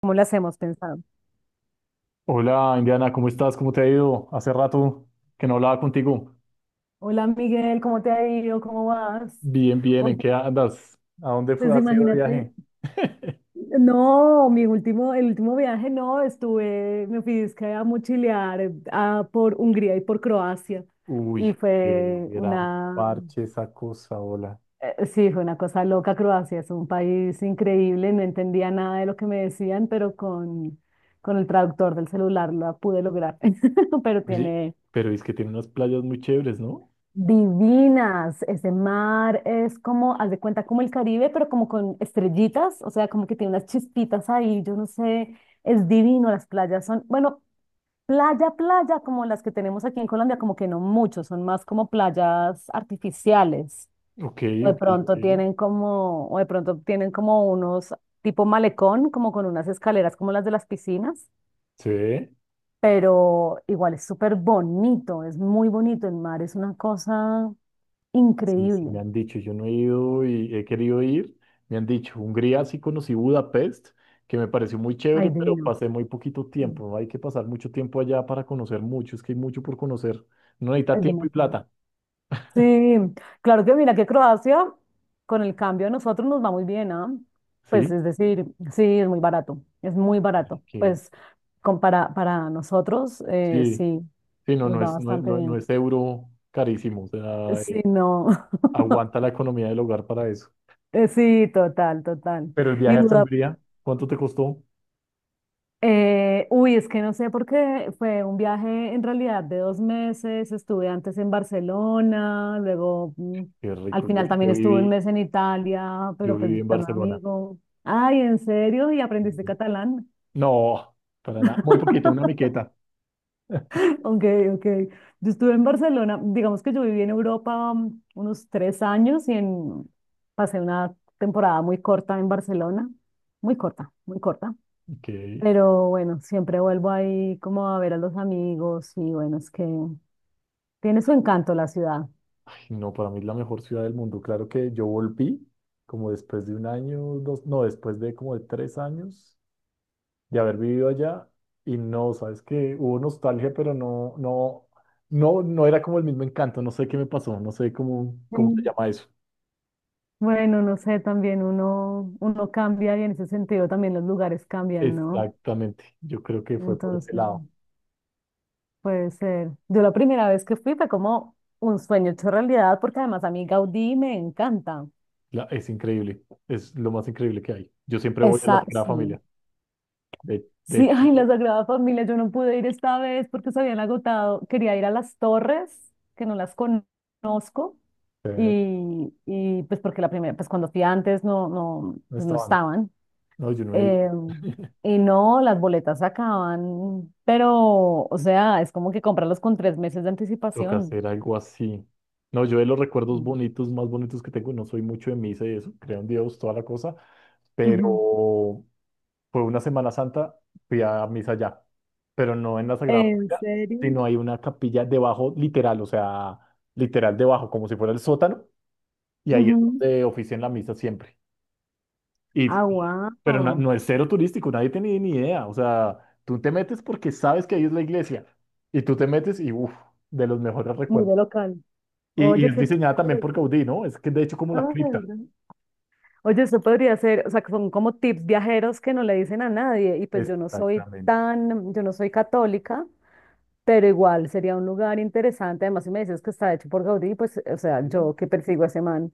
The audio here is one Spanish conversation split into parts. ¿Cómo las hemos pensado? Hola, Indiana, ¿cómo estás? ¿Cómo te ha ido? Hace rato que no hablaba contigo. Hola Miguel, ¿cómo te ha ido? ¿Cómo vas? Bien, bien, Oye, ¿en qué andas? ¿A dónde fue? pues ¿Has ido de imagínate, viaje? no, el último viaje no, me fui es que a mochilear por Hungría y por Croacia y Uy, qué gran parche esa cosa, hola. Sí, fue una cosa loca Croacia, es un país increíble, no entendía nada de lo que me decían, pero con el traductor del celular la pude lograr. Pero Oye, tiene. pero es que tiene unas playas muy chéveres, ¿no? Divinas, ese mar es como, haz de cuenta, como el Caribe, pero como con estrellitas, o sea, como que tiene unas chispitas ahí, yo no sé, es divino, las playas son, bueno, playa, playa, como las que tenemos aquí en Colombia, como que no mucho, son más como playas artificiales, Ok, ok, ok. O de pronto tienen como unos tipo malecón, como con unas escaleras como las de las piscinas, Sí. pero igual es súper bonito, es muy bonito, el mar es una cosa Sí, sí, increíble. me han dicho, yo no he ido y he querido ir, me han dicho, Hungría sí conocí Budapest, que me pareció muy Ay, chévere, pero divino. pasé muy poquito tiempo, no hay que pasar mucho tiempo allá para conocer mucho, es que hay mucho por conocer, no necesita Es tiempo y demasiado. plata. Sí, claro que mira que Croacia, con el cambio a nosotros nos va muy bien, ¿ah? Pues ¿Sí? es decir, sí, es muy barato, es muy barato. Que Pues para nosotros, sí, sí, sí, no, nos no va es, no, bastante no, no bien. es euro carísimo, o sea, Sí, no. aguanta la economía del hogar para eso. Sí, total, total. Pero el Y viaje hasta Budapest. Hungría, ¿cuánto te costó? Es que no sé por qué fue un viaje en realidad de 2 meses. Estuve antes en Barcelona, Qué al rico, final también estuve un mes en Italia, pero yo pues viví en visitando a un Barcelona. amigo. Ay, ¿en serio? ¿Y aprendiste Mm, catalán? No, para nada, muy poquito, una miqueta. Ok, ok. Yo estuve en Barcelona, digamos que yo viví en Europa unos 3 años y en, pasé una temporada muy corta en Barcelona, muy corta, muy corta. Que Pero bueno, siempre vuelvo ahí como a ver a los amigos y bueno, es que tiene su encanto la ciudad. no, para mí es la mejor ciudad del mundo. Claro que yo volví como después de un año, dos, no, después de como de 3 años de haber vivido allá y no, sabes que hubo nostalgia, pero no, no, no, no era como el mismo encanto. No sé qué me pasó, no sé cómo se Sí. llama eso. Bueno, no sé, también uno cambia y en ese sentido también los lugares cambian, ¿no? Exactamente, yo creo que fue por ese Entonces, lado. puede ser. Yo la primera vez que fui fue como un sueño hecho realidad porque además a mí Gaudí me encanta. Es increíble, es lo más increíble que hay. Yo siempre voy a la Esa, Sagrada Familia, sí. de Sí, ay, la hecho, Sagrada Familia, yo no pude ir esta vez porque se habían agotado. Quería ir a las torres, que no las conozco. eh, Y, pues porque pues cuando fui antes no, no, no pues no estaban, estaban. no, yo no he ido. eh, y no, las boletas se acaban, pero, o sea, es como que comprarlas con 3 meses de Toca anticipación. hacer algo así. No, yo de los recuerdos bonitos, más bonitos que tengo, no soy mucho de misa y eso, creo en Dios, toda la cosa, Ujú. pero fue una Semana Santa, fui a misa allá, pero no en la Sagrada ¿En Familia, serio? sino hay una capilla debajo, literal, o sea, literal debajo, como si fuera el sótano, y ahí es Ujú. donde ofician la misa siempre. Y Ah, pero no, wow. no es cero turístico, nadie tiene ni idea, o sea, tú te metes porque sabes que ahí es la iglesia, y tú te metes y, uff, de los mejores Muy recuerdos. de local. Y Oye, es qué diseñada también chévere. por Gaudí, ¿no? Es que de hecho como la cripta. Ay, oye, eso podría ser, o sea, que son como tips viajeros que no le dicen a nadie. Y pues yo no soy Exactamente. tan, yo no soy católica, pero igual sería un lugar interesante. Además, si me dices que está hecho por Gaudí, pues, o sea, Sí. yo que persigo a ese man.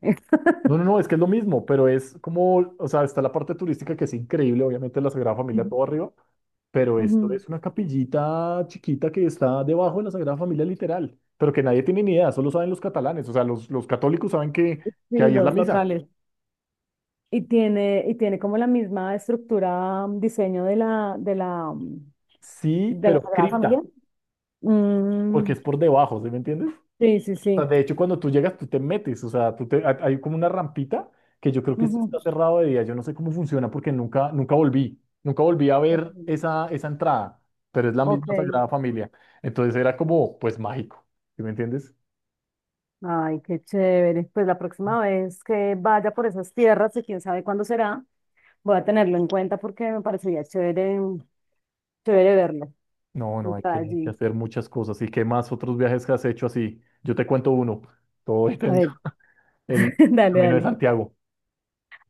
No, no, no, es que es lo mismo, pero es como, o sea, está la parte turística que es increíble, obviamente la Sagrada Familia Ujú. todo arriba, pero esto Ujú. es una capillita chiquita que está debajo de la Sagrada Familia literal, pero que nadie tiene ni idea, solo saben los catalanes, o sea, los católicos saben que, Sí, ahí es la los misa. locales. Y tiene como la misma estructura, diseño de la, de la, mm, Sí, de la pero Sagrada Familia. cripta, Mm, porque es por debajo, ¿sí me entiendes? sí, sí, Sea, sí. de hecho, cuando tú llegas, tú te metes, o sea, tú te, hay como una rampita que yo creo que esto Ujú, está cerrado de día. Yo no sé cómo funciona porque nunca volví a ok, ver esa, entrada, pero es la ok. misma Sagrada Familia. Entonces era como, pues mágico, ¿sí me entiendes? Ay, qué chévere. Pues la próxima vez que vaya por esas tierras, y quién sabe cuándo será, voy a tenerlo en cuenta porque me parecería chévere verlo, No, no, hay entrar que, hay que allí. hacer muchas cosas. ¿Y qué más otros viajes que has hecho así? Yo te cuento uno, todo A intenso. ver, El dale, Camino de dale. Santiago.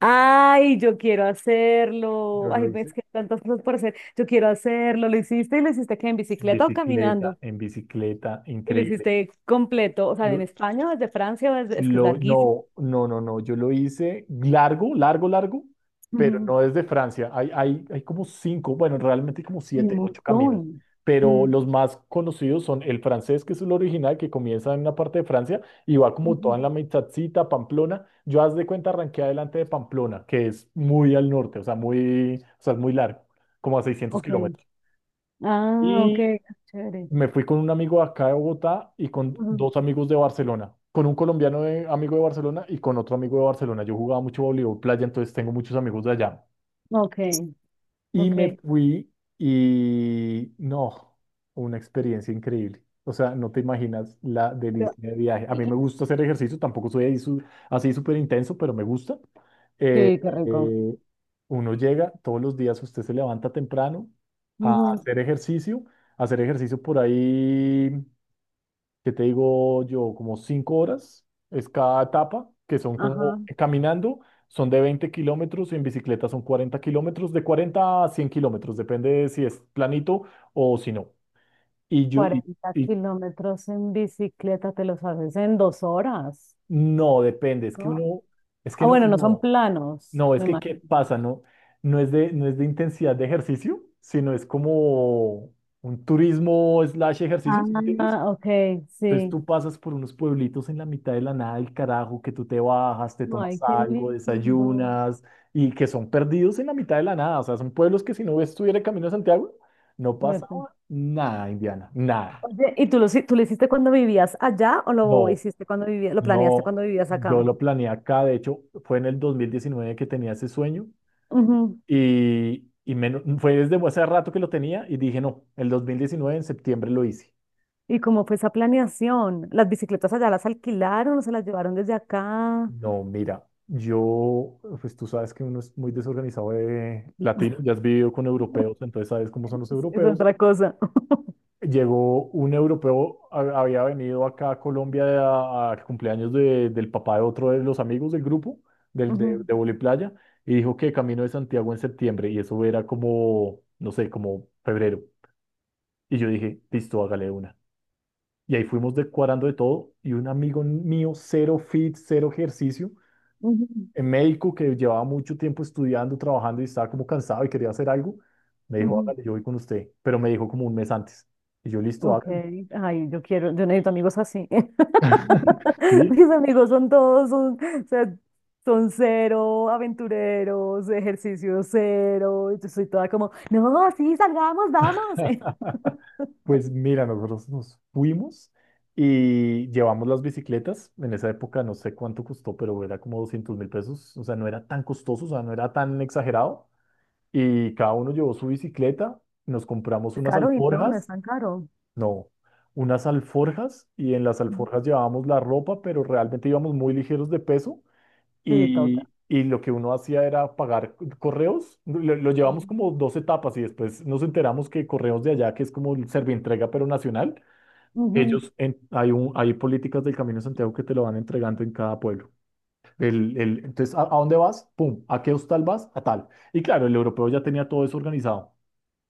Ay, yo quiero hacerlo. Yo Ay, lo ves hice que hay tantas cosas por hacer. Yo quiero hacerlo. ¿Lo hiciste y lo hiciste que en bicicleta o caminando? en bicicleta, Y lo increíble. hiciste completo. O sea, ¿en Lo- España o desde Francia o desde. Es que es larguísimo. no, no, no, no. Yo lo hice largo, largo, largo, pero Ujú. no desde Francia. Hay como cinco, bueno, realmente hay como Hay un siete, ocho caminos. montón. Pero Mm, los más conocidos son el francés, que es el original, que comienza en una parte de Francia y va como toda ujú. en la mitadcita, Pamplona. Yo, haz de cuenta, arranqué adelante de Pamplona, que es muy al norte, o sea, muy, o sea, es muy largo, como a seiscientos Ok. kilómetros. Ah, ok. Chévere. Me fui con un amigo de acá de Bogotá y con Ujú. dos amigos de Barcelona, con un colombiano amigo de Barcelona y con otro amigo de Barcelona. Yo jugaba mucho voleibol playa, entonces tengo muchos amigos de allá. Ok, Y ok. me fui y no, una experiencia increíble. O sea, no te imaginas la Pero- delicia de viaje. A y- mí me y- gusta hacer ejercicio, tampoco soy ahí así súper intenso, pero me gusta. Eh, Sí, qué rico. eh, uno llega todos los días, usted se levanta temprano a Ujú. hacer ejercicio, a hacer ejercicio por ahí. ¿Que te digo yo? Como 5 horas es cada etapa, que son como Ajá. caminando, son de 20 kilómetros, en bicicleta son 40 kilómetros, de 40 a 100 kilómetros, depende de si es planito o si no. Y yo, y, cuarenta y kilómetros en bicicleta te los haces en 2 horas, no, depende, es que ¿no? uno, es que Ah, no, bueno, no son no, planos, no, es me que ¿qué imagino. pasa? No, no es de intensidad de ejercicio, sino es como un turismo slash ejercicio, ¿sí me entiendes? Ah, ok, Entonces sí. tú pasas por unos pueblitos en la mitad de la nada del carajo, que tú te bajas, te Ay, tomas qué algo, lindo. desayunas, y que son perdidos en la mitad de la nada. O sea, son pueblos que si no estuviera Camino a Santiago, no Suerte. pasaba nada, Indiana, nada. Oye, ¿ tú lo hiciste cuando vivías allá o lo No, hiciste cuando vivías, ¿lo planeaste no, cuando vivías yo acá? lo planeé acá. De hecho, fue en el 2019 que tenía ese sueño Ujú. y menos, fue desde hace rato que lo tenía y dije, no, el 2019 en septiembre lo hice. ¿Y cómo fue esa planeación? ¿Las bicicletas allá las alquilaron o se las llevaron desde acá? No, mira, yo, pues tú sabes que uno es muy desorganizado de latino, ya has vivido con europeos, entonces sabes cómo son los Es europeos. otra cosa. Llegó un europeo, había venido acá a Colombia al cumpleaños del papá de otro de los amigos del grupo, del, de, Ujú, de Vóley Playa, y dijo que Camino de Santiago en septiembre, y eso era como, no sé, como febrero. Y yo dije, listo, hágale de una. Y ahí fuimos decorando de todo, y un amigo mío, cero fit, cero ejercicio ujú, en médico que llevaba mucho tiempo estudiando, trabajando y estaba como cansado y quería hacer algo, me dijo, ujú. hágale, yo voy con usted, pero me dijo como un mes antes. Y yo, listo, Ok, hágale. ay, yo quiero, yo necesito amigos así. Sí. Mis amigos son todos, son, o sea, son cero aventureros, ejercicio cero. Y yo soy toda como, no, sí, salgamos, vamos. Pues mira, nosotros nos fuimos y llevamos las bicicletas. En esa época no sé cuánto costó, pero era como 200.000 pesos. O sea, no era tan costoso, o sea, no era tan exagerado. Y cada uno llevó su bicicleta. Nos compramos Es unas caro y no, no es alforjas. tan caro. No, unas alforjas y en las alforjas llevábamos la ropa, pero realmente íbamos muy ligeros de peso Sí, toca. y lo que uno hacía era pagar correos. Lo llevamos como dos etapas y después nos enteramos que correos de allá, que es como el Servientrega pero nacional, Ujú, ellos, en- hay, un, hay políticas del Camino de Santiago que te lo van entregando en cada pueblo. Entonces, ¿a dónde vas? Pum, ¿a qué hostal vas? A tal. Y claro, el europeo ya tenía todo eso organizado.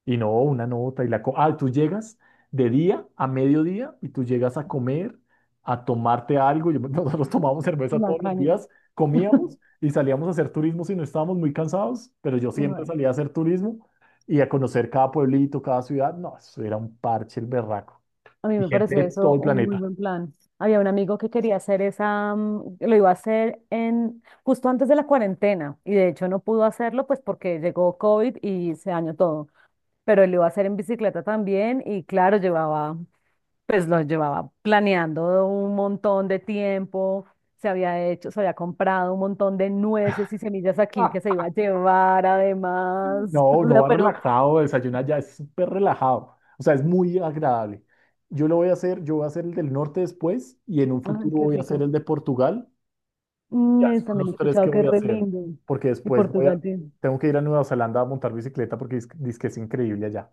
Y no, una nota y la... Ah, tú llegas de día a mediodía y tú llegas a comer, a tomarte algo. Nosotros tomábamos cerveza la todos los caña. días, comíamos y salíamos a hacer turismo si no estábamos muy cansados, pero yo siempre Ay, salía a hacer turismo y a conocer cada pueblito, cada ciudad. No, eso era un parche el berraco. a mí Y me gente de parece todo eso el un muy planeta. buen plan. Había un amigo que quería hacer esa, lo iba a hacer en justo antes de la cuarentena y de hecho no pudo hacerlo pues porque llegó COVID y se dañó todo. Pero él iba a hacer en bicicleta también y claro, llevaba, pues lo llevaba planeando un montón de tiempo, se había hecho, se había comprado un montón de nueces y semillas aquí Ah, que se iba a llevar además, no, o uno sea, va pero, relajado, desayuna ya, es súper relajado. O sea, es muy agradable. Yo lo voy a hacer, yo voy a hacer el del norte después y en un ay, futuro qué voy a hacer rico. el de Portugal. Ya, Y esos son también los he tres que escuchado que voy es a re hacer, lindo. porque Y después voy a, Portugal tiene. tengo que ir a Nueva Zelanda a montar bicicleta porque dice que es increíble allá.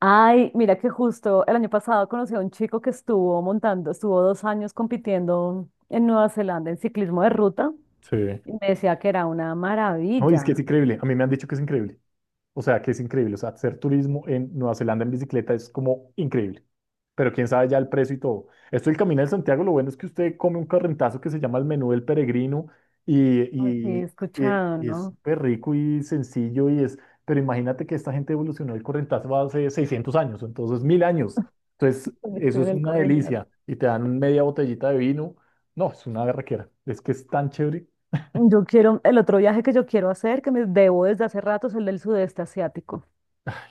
Ay, mira que justo el año pasado conocí a un chico que estuvo montando, estuvo 2 años compitiendo en Nueva Zelanda en ciclismo de ruta Sí. y me decía que era una No, dice que maravilla. es increíble. A mí me han dicho que es increíble. O sea, que es increíble. O sea, hacer turismo en Nueva Zelanda en bicicleta es como increíble. Pero quién sabe ya el precio y todo. Esto del Camino de Santiago, lo bueno es que usted come un correntazo que se llama el menú del peregrino y, Así he y, y- escuchado, y es ¿no? súper rico y sencillo y es, pero imagínate que esta gente evolucionó el correntazo hace 600 años, entonces 1.000 años. Entonces, También eso estoy en es el una corriente. delicia y te dan media botellita de vino. No, es una berraquera. Es que es tan chévere Yo quiero, el otro viaje que yo quiero hacer, que me debo desde hace rato, es el del sudeste asiático.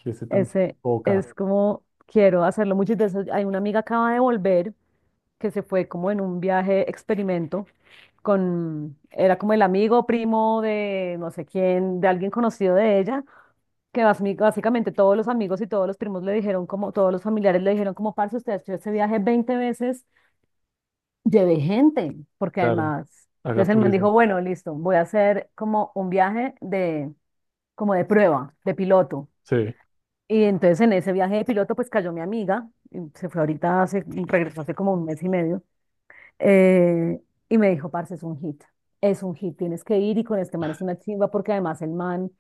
y ese tan Ese poca. es como, quiero hacerlo mucho. Hay una amiga acaba de volver, que se fue como en un viaje experimento con, era como el amigo primo de no sé quién, de alguien conocido de ella, que básicamente todos los amigos y todos los primos le dijeron como, todos los familiares le dijeron como, parce, usted ha hecho ese viaje 20 veces, llevé gente, porque Claro, además, haga entonces el man dijo, turismo. bueno, listo, voy a hacer como un viaje de, como de prueba, de piloto. Sí, Y entonces en ese viaje de piloto, pues cayó mi amiga, y se fue ahorita, regresó hace como un mes y medio, eh, y me dijo, parce, es un hit, tienes que ir y con este man es una chimba, porque además el man,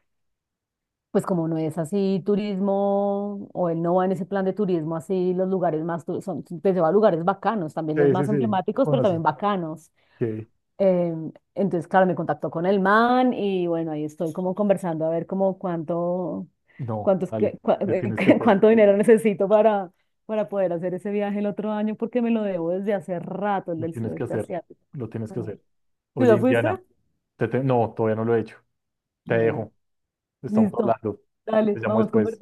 pues como no es así turismo, o él no va en ese plan de turismo, así los lugares más, son, pues se va a lugares bacanos, también los sí, sí, más sí. emblemáticos, pero también Conoce. bacanos. Que Entonces, claro, me contactó con el man y bueno, ahí estoy como conversando a ver como cuánto, no, cuántos, vale, que- cua- le tienes que hacer. cuánto dinero necesito para poder hacer ese viaje el otro año porque me lo debo desde hace rato, el Lo del tienes que sudeste hacer, asiático. lo tienes que Ah. hacer. ¿Tú Oye, ya fuiste? Indiana, no, todavía no lo he hecho. Te Bueno, dejo, estamos listo. hablando. Te Dale, llamo vamos después. conversando.